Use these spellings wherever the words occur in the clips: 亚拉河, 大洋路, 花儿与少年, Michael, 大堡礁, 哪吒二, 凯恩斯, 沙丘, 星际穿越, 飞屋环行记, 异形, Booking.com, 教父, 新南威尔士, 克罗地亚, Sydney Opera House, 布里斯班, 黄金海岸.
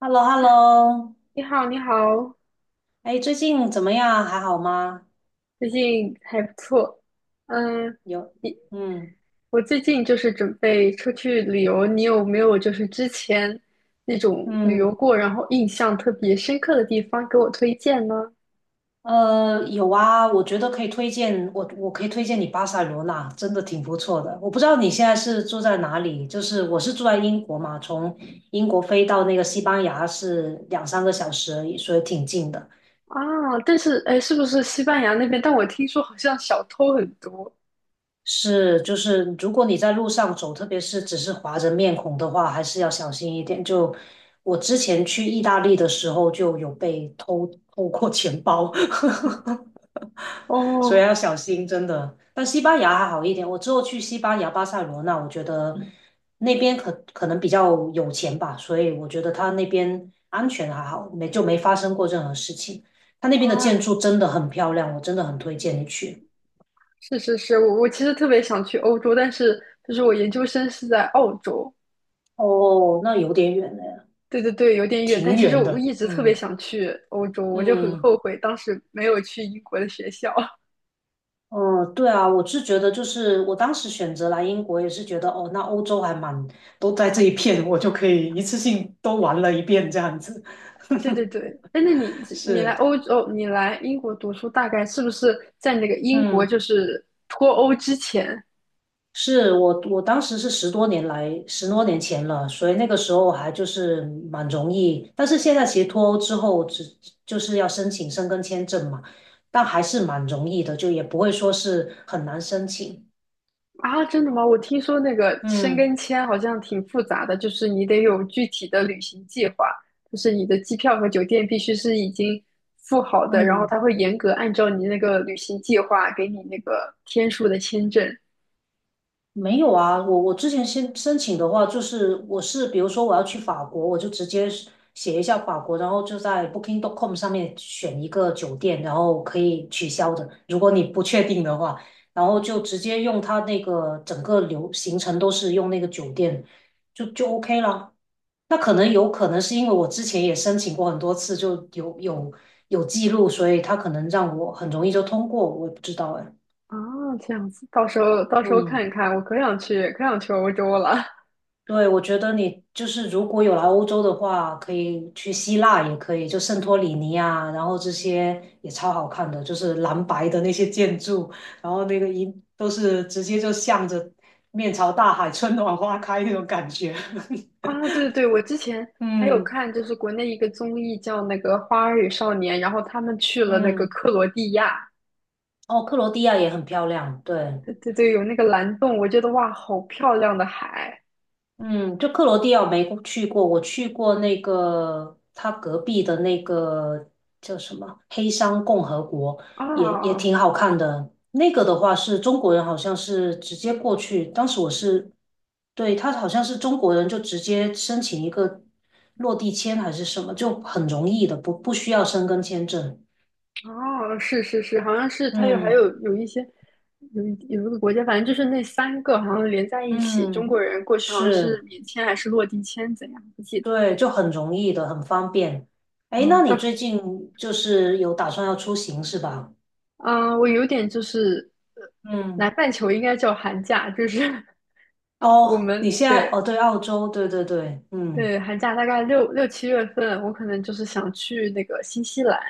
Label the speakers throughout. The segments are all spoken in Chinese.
Speaker 1: h e l l o h e l l o
Speaker 2: 你好，你好，
Speaker 1: 哎，最近怎么样？还好吗？
Speaker 2: 最近还不错。嗯，
Speaker 1: 有，
Speaker 2: 你
Speaker 1: 嗯
Speaker 2: 我最近就是准备出去旅游，你有没有就是之前那种旅
Speaker 1: 嗯，
Speaker 2: 游过，然后印象特别深刻的地方给我推荐呢？
Speaker 1: 有啊，我觉得可以推荐我，我可以推荐你巴塞罗那，真的挺不错的。我不知道你现在是住在哪里，就是我是住在英国嘛，从英国飞到那个西班牙是两三个小时而已，所以挺近的。
Speaker 2: 啊，但是哎，是不是西班牙那边？但我听说好像小偷很多
Speaker 1: 是，就是如果你在路上走，特别是只是划着面孔的话，还是要小心一点。就我之前去意大利的时候，就有被偷偷过钱包，所以
Speaker 2: 哦。
Speaker 1: 要小心，真的。但西班牙还好一点，我之后去西班牙巴塞罗那，我觉得那边可能比较有钱吧，所以我觉得他那边安全还好，没就没发生过任何事情。他那边的建
Speaker 2: 啊，
Speaker 1: 筑真的很漂亮，我真的很推荐你去。
Speaker 2: 是是是，我其实特别想去欧洲，但是就是我研究生是在澳洲。
Speaker 1: 哦，那有点远呢。
Speaker 2: 对对对，有点远，但
Speaker 1: 挺
Speaker 2: 其实
Speaker 1: 远
Speaker 2: 我
Speaker 1: 的，
Speaker 2: 一直特别
Speaker 1: 嗯
Speaker 2: 想去欧洲，我就很
Speaker 1: 嗯，
Speaker 2: 后悔当时没有去英国的学校。
Speaker 1: 哦，对啊，我是觉得就是我当时选择来英国也是觉得哦，那欧洲还蛮，都在这一片，我就可以一次性都玩了一遍这样子。
Speaker 2: 对对对，哎，那你来
Speaker 1: 是，
Speaker 2: 欧洲，你来英国读书，大概是不是在那个英国
Speaker 1: 嗯，
Speaker 2: 就是脱欧之前？
Speaker 1: 是我当时是十多年前了，所以那个时候还就是蛮容易，但是现在其实脱欧之后就是要申请申根签证嘛，但还是蛮容易的，就也不会说是很难申请。
Speaker 2: 啊？真的吗？我听说那个申
Speaker 1: 嗯
Speaker 2: 根签好像挺复杂的，就是你得有具体的旅行计划，就是你的机票和酒店必须是已经付好的，然后
Speaker 1: 嗯。
Speaker 2: 他会严格按照你那个旅行计划给你那个天数的签证。
Speaker 1: 没有啊，我之前先申请的话，就是我是比如说我要去法国，我就直接是写一下法国，然后就在 Booking.com 上面选一个酒店，然后可以取消的，如果你不确定的话，然后就
Speaker 2: 嗯
Speaker 1: 直接用它那个整个行程都是用那个酒店，就 OK 了。那可能有可能是因为我之前也申请过很多次，就有记录，所以他可能让我很容易就通过，我也不知道哎，
Speaker 2: 啊，这样子，到时候
Speaker 1: 嗯
Speaker 2: 看一看，我可想去，可想去欧洲了。
Speaker 1: 对，我觉得你就是如果有来欧洲的话，可以去希腊，也可以就圣托里尼啊，然后这些也超好看的，就是蓝白的那些建筑，然后那个都是直接就向着面朝大海，春暖花开那种感觉。
Speaker 2: 啊！对对对，我之前还有
Speaker 1: 嗯
Speaker 2: 看，就是国内一个综艺叫那个《花儿与少年》，然后他们去了那个
Speaker 1: 嗯，
Speaker 2: 克罗地亚。
Speaker 1: 哦，克罗地亚也很漂亮，对。
Speaker 2: 对对对，有那个蓝洞，我觉得哇，好漂亮的海。
Speaker 1: 嗯，就克罗地亚我没去过，我去过那个他隔壁的那个叫什么黑山共和国，
Speaker 2: 啊
Speaker 1: 也也
Speaker 2: 啊！
Speaker 1: 挺好看的。那个的话是中国人，好像是直接过去，当时我是，对，他好像是中国人就直接申请一个落地签还是什么，就很容易的，不需要申根签证。
Speaker 2: 哦，是是是，好像是它有
Speaker 1: 嗯
Speaker 2: 有一些有一个国家，反正就是那三个好像连在一起，中
Speaker 1: 嗯，
Speaker 2: 国人过去好像是
Speaker 1: 是。
Speaker 2: 免签还是落地签，怎样不记得。
Speaker 1: 对，就很容易的，很方便。哎，
Speaker 2: 啊？
Speaker 1: 那你最近就是有打算要出行是吧？
Speaker 2: 嗯，我有点就是南
Speaker 1: 嗯，
Speaker 2: 半球应该叫寒假，就是 我
Speaker 1: 哦，你
Speaker 2: 们
Speaker 1: 现在哦，
Speaker 2: 对。
Speaker 1: 对，澳洲，对对对，嗯，
Speaker 2: 对寒假大概6、7月份，我可能就是想去那个新西兰、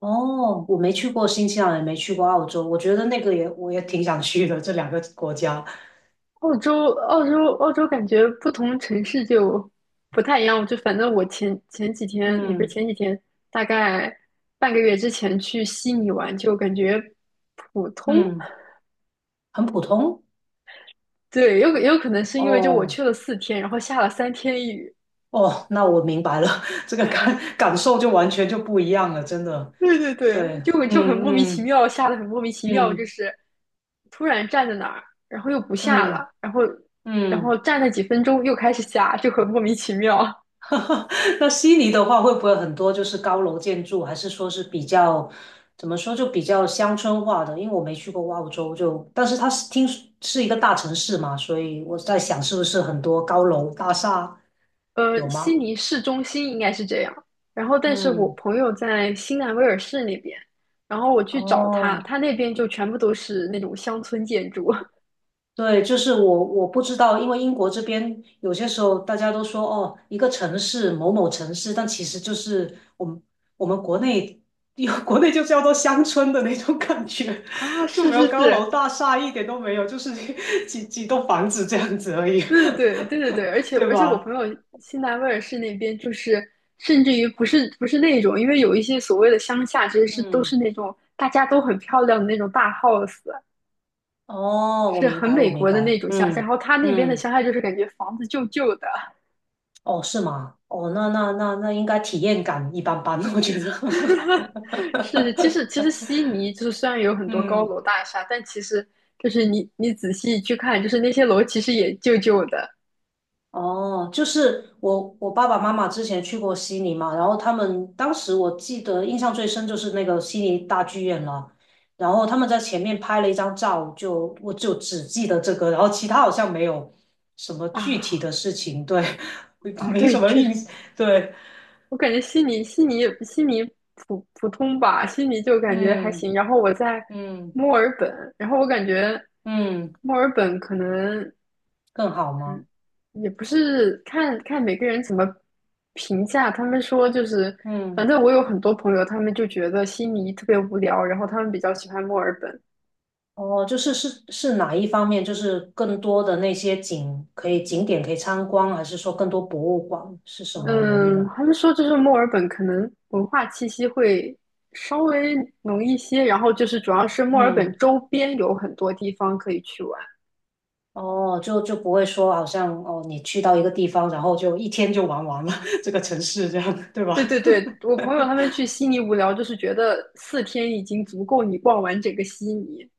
Speaker 1: 哦，我没去过新西兰，也没去过澳洲，我觉得那个也我也挺想去的，这两个国家，
Speaker 2: 澳洲、澳洲、澳洲，感觉不同城市就不太一样。就反正我前几天，也不是
Speaker 1: 嗯
Speaker 2: 前几天，大概半个月之前去悉尼玩，就感觉普通。
Speaker 1: 嗯，很普通，
Speaker 2: 对，有可能是因为就我
Speaker 1: 哦
Speaker 2: 去了四天，然后下了三天雨。
Speaker 1: 哦，那我明白了，这个感受就完全就不一样了，真的，
Speaker 2: 对对
Speaker 1: 对，
Speaker 2: 对，就很莫名
Speaker 1: 嗯
Speaker 2: 其
Speaker 1: 嗯
Speaker 2: 妙，下的很莫名其妙，就
Speaker 1: 嗯
Speaker 2: 是突然站在那儿，然后又不下
Speaker 1: 嗯
Speaker 2: 了，然后
Speaker 1: 嗯。
Speaker 2: 站了几分钟又开始下，就很莫名其妙。
Speaker 1: 那悉尼的话，会不会很多就是高楼建筑，还是说是比较怎么说就比较乡村化的？因为我没去过澳洲就，但是它是听说是一个大城市嘛，所以我在想是不是很多高楼大厦有
Speaker 2: 悉
Speaker 1: 吗？
Speaker 2: 尼市中心应该是这样，然后但是我
Speaker 1: 嗯，
Speaker 2: 朋友在新南威尔士那边，然后我去找他，
Speaker 1: 哦，
Speaker 2: 他那边就全部都是那种乡村建筑。
Speaker 1: 对，就是我我不知道，因为英国这边有些时候大家都说哦，一个城市某某城市，但其实就是我们国内有 国内就叫做乡村的那种感觉，
Speaker 2: 啊，
Speaker 1: 就
Speaker 2: 是
Speaker 1: 没
Speaker 2: 是
Speaker 1: 有高
Speaker 2: 是，
Speaker 1: 楼大厦，一点都没有，就是几栋房子这样子而已，
Speaker 2: 对对对对对对，而 且
Speaker 1: 对
Speaker 2: 我
Speaker 1: 吧？
Speaker 2: 朋友新南威尔士那边就是，甚至于不是那种，因为有一些所谓的乡下，其实是都
Speaker 1: 嗯，
Speaker 2: 是那种大家都很漂亮的那种大 house，
Speaker 1: 哦，
Speaker 2: 就
Speaker 1: 我
Speaker 2: 是
Speaker 1: 明
Speaker 2: 很
Speaker 1: 白，我
Speaker 2: 美
Speaker 1: 明
Speaker 2: 国的那
Speaker 1: 白，
Speaker 2: 种乡下。然
Speaker 1: 嗯
Speaker 2: 后他那边的
Speaker 1: 嗯，
Speaker 2: 乡下就是感觉房子旧旧的。
Speaker 1: 哦，是吗？哦，那应该体验感一般般，我觉得，
Speaker 2: 是其实悉尼就是虽然有 很多高
Speaker 1: 嗯。
Speaker 2: 楼大厦，但其实就是你仔细去看，就是那些楼其实也旧旧的。
Speaker 1: 哦，就是我我爸爸妈妈之前去过悉尼嘛，然后他们当时我记得印象最深就是那个悉尼大剧院了，然后他们在前面拍了一张照，就我就只记得这个，然后其他好像没有什么具体
Speaker 2: 啊
Speaker 1: 的事情，对，
Speaker 2: 啊，
Speaker 1: 没什
Speaker 2: 对，
Speaker 1: 么
Speaker 2: 确
Speaker 1: 印，
Speaker 2: 实
Speaker 1: 对，
Speaker 2: 我感觉悉尼普通吧，悉尼就感觉还
Speaker 1: 嗯
Speaker 2: 行。然后我在
Speaker 1: 嗯
Speaker 2: 墨尔本，然后我感觉
Speaker 1: 嗯，
Speaker 2: 墨尔本可能
Speaker 1: 更好吗？
Speaker 2: 也不是。看看每个人怎么评价，他们说就是，反
Speaker 1: 嗯。
Speaker 2: 正我有很多朋友，他们就觉得悉尼特别无聊，然后他们比较喜欢墨尔本。
Speaker 1: 哦，就是是是哪一方面？就是更多的那些景可以景点可以参观，还是说更多博物馆？是什么原因
Speaker 2: 嗯，
Speaker 1: 啊？
Speaker 2: 他们说就是墨尔本可能文化气息会稍微浓一些，然后就是主要是墨尔
Speaker 1: 嗯，
Speaker 2: 本周边有很多地方可以去玩。
Speaker 1: 哦，就就不会说好像哦，你去到一个地方，然后就一天就玩完了 这个城市，这样对
Speaker 2: 对
Speaker 1: 吧？
Speaker 2: 对对，我朋友他们去悉尼无聊，就是觉得四天已经足够你逛完整个悉尼。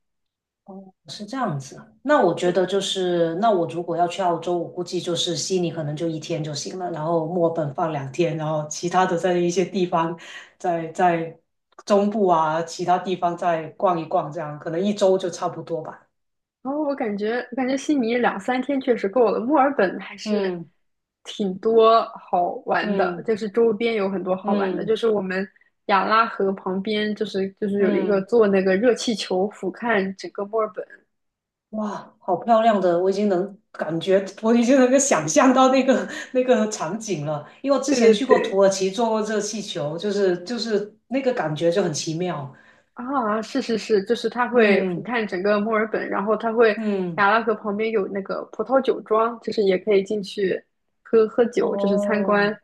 Speaker 1: 是这样子，那我觉
Speaker 2: 对，
Speaker 1: 得就是，那我如果要去澳洲，我估计就是悉尼可能就一天就行了，然后墨尔本放两天，然后其他的在一些地方，在在中部啊，其他地方再逛一逛，这样可能一周就差不多吧。
Speaker 2: 然后我感觉悉尼2、3天确实够了，墨尔本还是
Speaker 1: 嗯
Speaker 2: 挺多好玩的，
Speaker 1: 嗯
Speaker 2: 就是周边有很多好玩的，就
Speaker 1: 嗯
Speaker 2: 是我们亚拉河旁边，就是有一个
Speaker 1: 嗯，
Speaker 2: 坐那个热气球俯瞰整个墨尔本。
Speaker 1: 哇，好漂亮的，我已经能感觉，我已经能够想象到那个 那个场景了，因为我之
Speaker 2: 对
Speaker 1: 前
Speaker 2: 对
Speaker 1: 去过土
Speaker 2: 对，
Speaker 1: 耳其坐过热气球，就是就是那个感觉就很奇妙。
Speaker 2: 啊，是是是，就是它会俯
Speaker 1: 嗯。
Speaker 2: 瞰整个墨尔本，然后它会
Speaker 1: 嗯，
Speaker 2: 雅拉河旁边有那个葡萄酒庄，就是也可以进去喝喝酒，就是参观，
Speaker 1: 哦，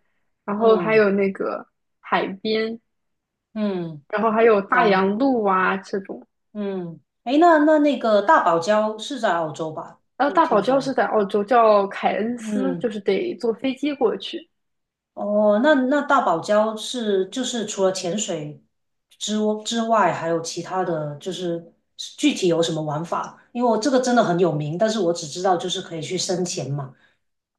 Speaker 2: 然后还
Speaker 1: 嗯
Speaker 2: 有那个海边，
Speaker 1: 嗯，
Speaker 2: 然后还有大
Speaker 1: 行，
Speaker 2: 洋路啊这种。
Speaker 1: 嗯，诶，那个大堡礁是在澳洲吧？
Speaker 2: 然后
Speaker 1: 我
Speaker 2: 大堡
Speaker 1: 听
Speaker 2: 礁是
Speaker 1: 说，
Speaker 2: 在澳洲，叫凯恩斯，就
Speaker 1: 嗯，
Speaker 2: 是得坐飞机过去
Speaker 1: 哦，那那大堡礁是就是除了潜水之之外，还有其他的就是具体有什么玩法？因为我这个真的很有名，但是我只知道就是可以去深潜嘛，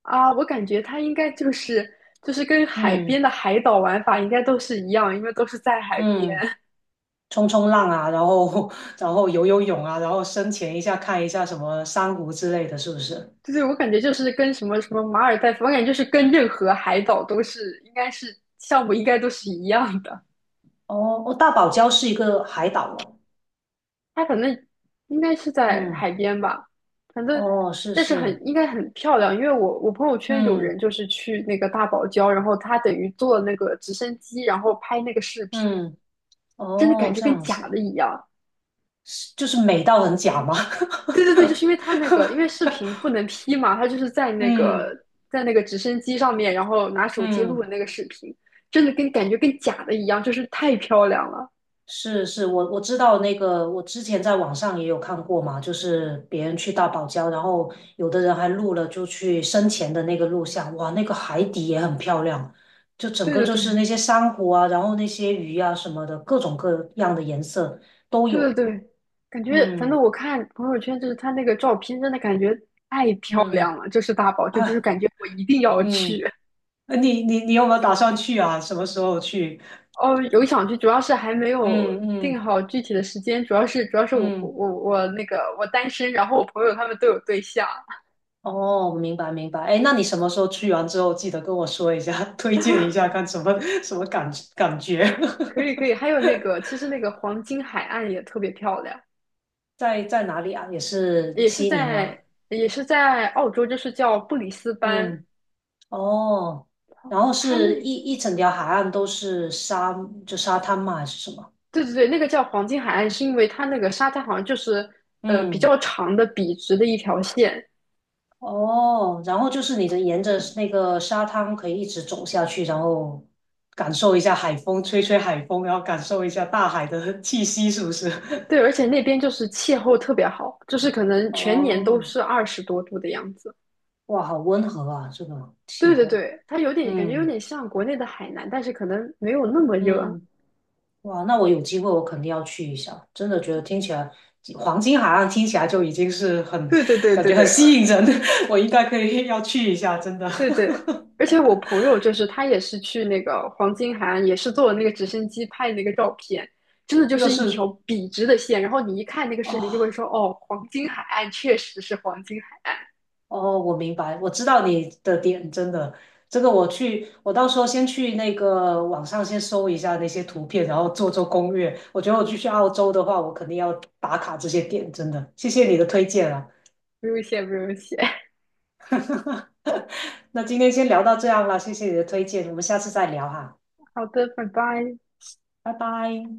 Speaker 2: 啊。我感觉它应该就是跟海边
Speaker 1: 嗯
Speaker 2: 的海岛玩法应该都是一样，因为都是在海边。
Speaker 1: 嗯，冲浪啊，然后 然后游泳啊，然后深潜一下看一下什么珊瑚之类的，是不是？
Speaker 2: 对对，我感觉就是跟什么什么马尔代夫，我感觉就是跟任何海岛都是，应该是项目应该都是一样的。
Speaker 1: 哦哦，大堡礁是一个海岛哦。
Speaker 2: 它可能应该是在
Speaker 1: 嗯，
Speaker 2: 海边吧，反正
Speaker 1: 哦，是
Speaker 2: 但是很
Speaker 1: 是，
Speaker 2: 应该很漂亮，因为我朋友圈有人
Speaker 1: 嗯
Speaker 2: 就是去那个大堡礁，然后他等于坐那个直升机，然后拍那个视频，
Speaker 1: 嗯，
Speaker 2: 真的
Speaker 1: 哦，
Speaker 2: 感觉
Speaker 1: 这
Speaker 2: 跟
Speaker 1: 样
Speaker 2: 假
Speaker 1: 子，
Speaker 2: 的一样。
Speaker 1: 就是美到很假吗？
Speaker 2: 对对对，就是因为他那个，因为视 频不能 P 嘛，他就是
Speaker 1: 嗯
Speaker 2: 在那个直升机上面，然后拿手机录的
Speaker 1: 嗯，
Speaker 2: 那个视频，真的跟感觉跟假的一样，就是太漂亮了。
Speaker 1: 是是，我我知道那个，我之前在网上也有看过嘛，就是别人去大堡礁，然后有的人还录了就去生前的那个录像，哇，那个海底也很漂亮，就整
Speaker 2: 对
Speaker 1: 个
Speaker 2: 对
Speaker 1: 就是
Speaker 2: 对
Speaker 1: 那些珊瑚啊，然后那些鱼啊什么的，各种各样的颜色都
Speaker 2: 对对
Speaker 1: 有。
Speaker 2: 对，感觉反
Speaker 1: 嗯。
Speaker 2: 正我看朋友圈，就是他那个照片，真的感觉太漂
Speaker 1: 嗯
Speaker 2: 亮了。就是大宝，就是
Speaker 1: 啊，
Speaker 2: 感觉我一定要去。
Speaker 1: 嗯，你有没有打算去啊？什么时候去？
Speaker 2: 哦，有想去，主要是还没有
Speaker 1: 嗯
Speaker 2: 定
Speaker 1: 嗯
Speaker 2: 好具体的时间，主要是
Speaker 1: 嗯，
Speaker 2: 我那个我单身，然后我朋友他们都有对象。
Speaker 1: 哦，明白明白。哎，那你什么时候去完之后，记得跟我说一下，推荐一下，看什么 什么感觉？
Speaker 2: 可以可以，还有那个，其实那个黄金海岸也特别漂亮，
Speaker 1: 在在哪里啊？也是
Speaker 2: 也是
Speaker 1: 悉尼
Speaker 2: 在
Speaker 1: 吗？
Speaker 2: 也是在澳洲，就是叫布里斯班，
Speaker 1: 嗯，哦，然后
Speaker 2: 它
Speaker 1: 是
Speaker 2: 那
Speaker 1: 一整条海岸都是沙，就沙滩嘛，还是什么？
Speaker 2: 对对对，那个叫黄金海岸，是因为它那个沙滩好像就是比
Speaker 1: 嗯。
Speaker 2: 较长的笔直的一条线。
Speaker 1: 哦，然后就是你的沿着那个沙滩可以一直走下去，然后感受一下海风，吹吹海风，然后感受一下大海的 气息，是不是？
Speaker 2: 对，而且那边就是气候特别好，就是可 能全年都
Speaker 1: 哦，
Speaker 2: 是20多度的样子。
Speaker 1: 哇，好温和啊，这个气
Speaker 2: 对对
Speaker 1: 候。
Speaker 2: 对，它有点感觉有
Speaker 1: 嗯
Speaker 2: 点像国内的海南，但是可能没有那么热。
Speaker 1: 嗯，哇，那我有机会我肯定要去一下，真的觉得听起来黄金海岸听起来就已经是很
Speaker 2: 对对对
Speaker 1: 感
Speaker 2: 对
Speaker 1: 觉很
Speaker 2: 对，
Speaker 1: 吸引人，我应该可以要去一下，真的。
Speaker 2: 对对，而且 我朋友就是他也是去那个黄金海岸，也是坐那个直升机拍那个照片，真的就
Speaker 1: 又
Speaker 2: 是一条
Speaker 1: 是
Speaker 2: 笔直的线，然后你一看那个
Speaker 1: 啊、
Speaker 2: 视频就会
Speaker 1: 哦
Speaker 2: 说，哦，黄金海岸确实是黄金海岸。
Speaker 1: 哦，我明白，我知道你的点，真的，这个我去，我到时候先去那个网上先搜一下那些图片，然后做做攻略。我觉得我去澳洲的话，我肯定要打卡这些点，真的，谢谢你的推荐啊。
Speaker 2: 不用谢，不用谢。
Speaker 1: 那今天先聊到这样啦，谢谢你的推荐，我们下次再聊哈，
Speaker 2: 好的，拜拜。
Speaker 1: 拜拜。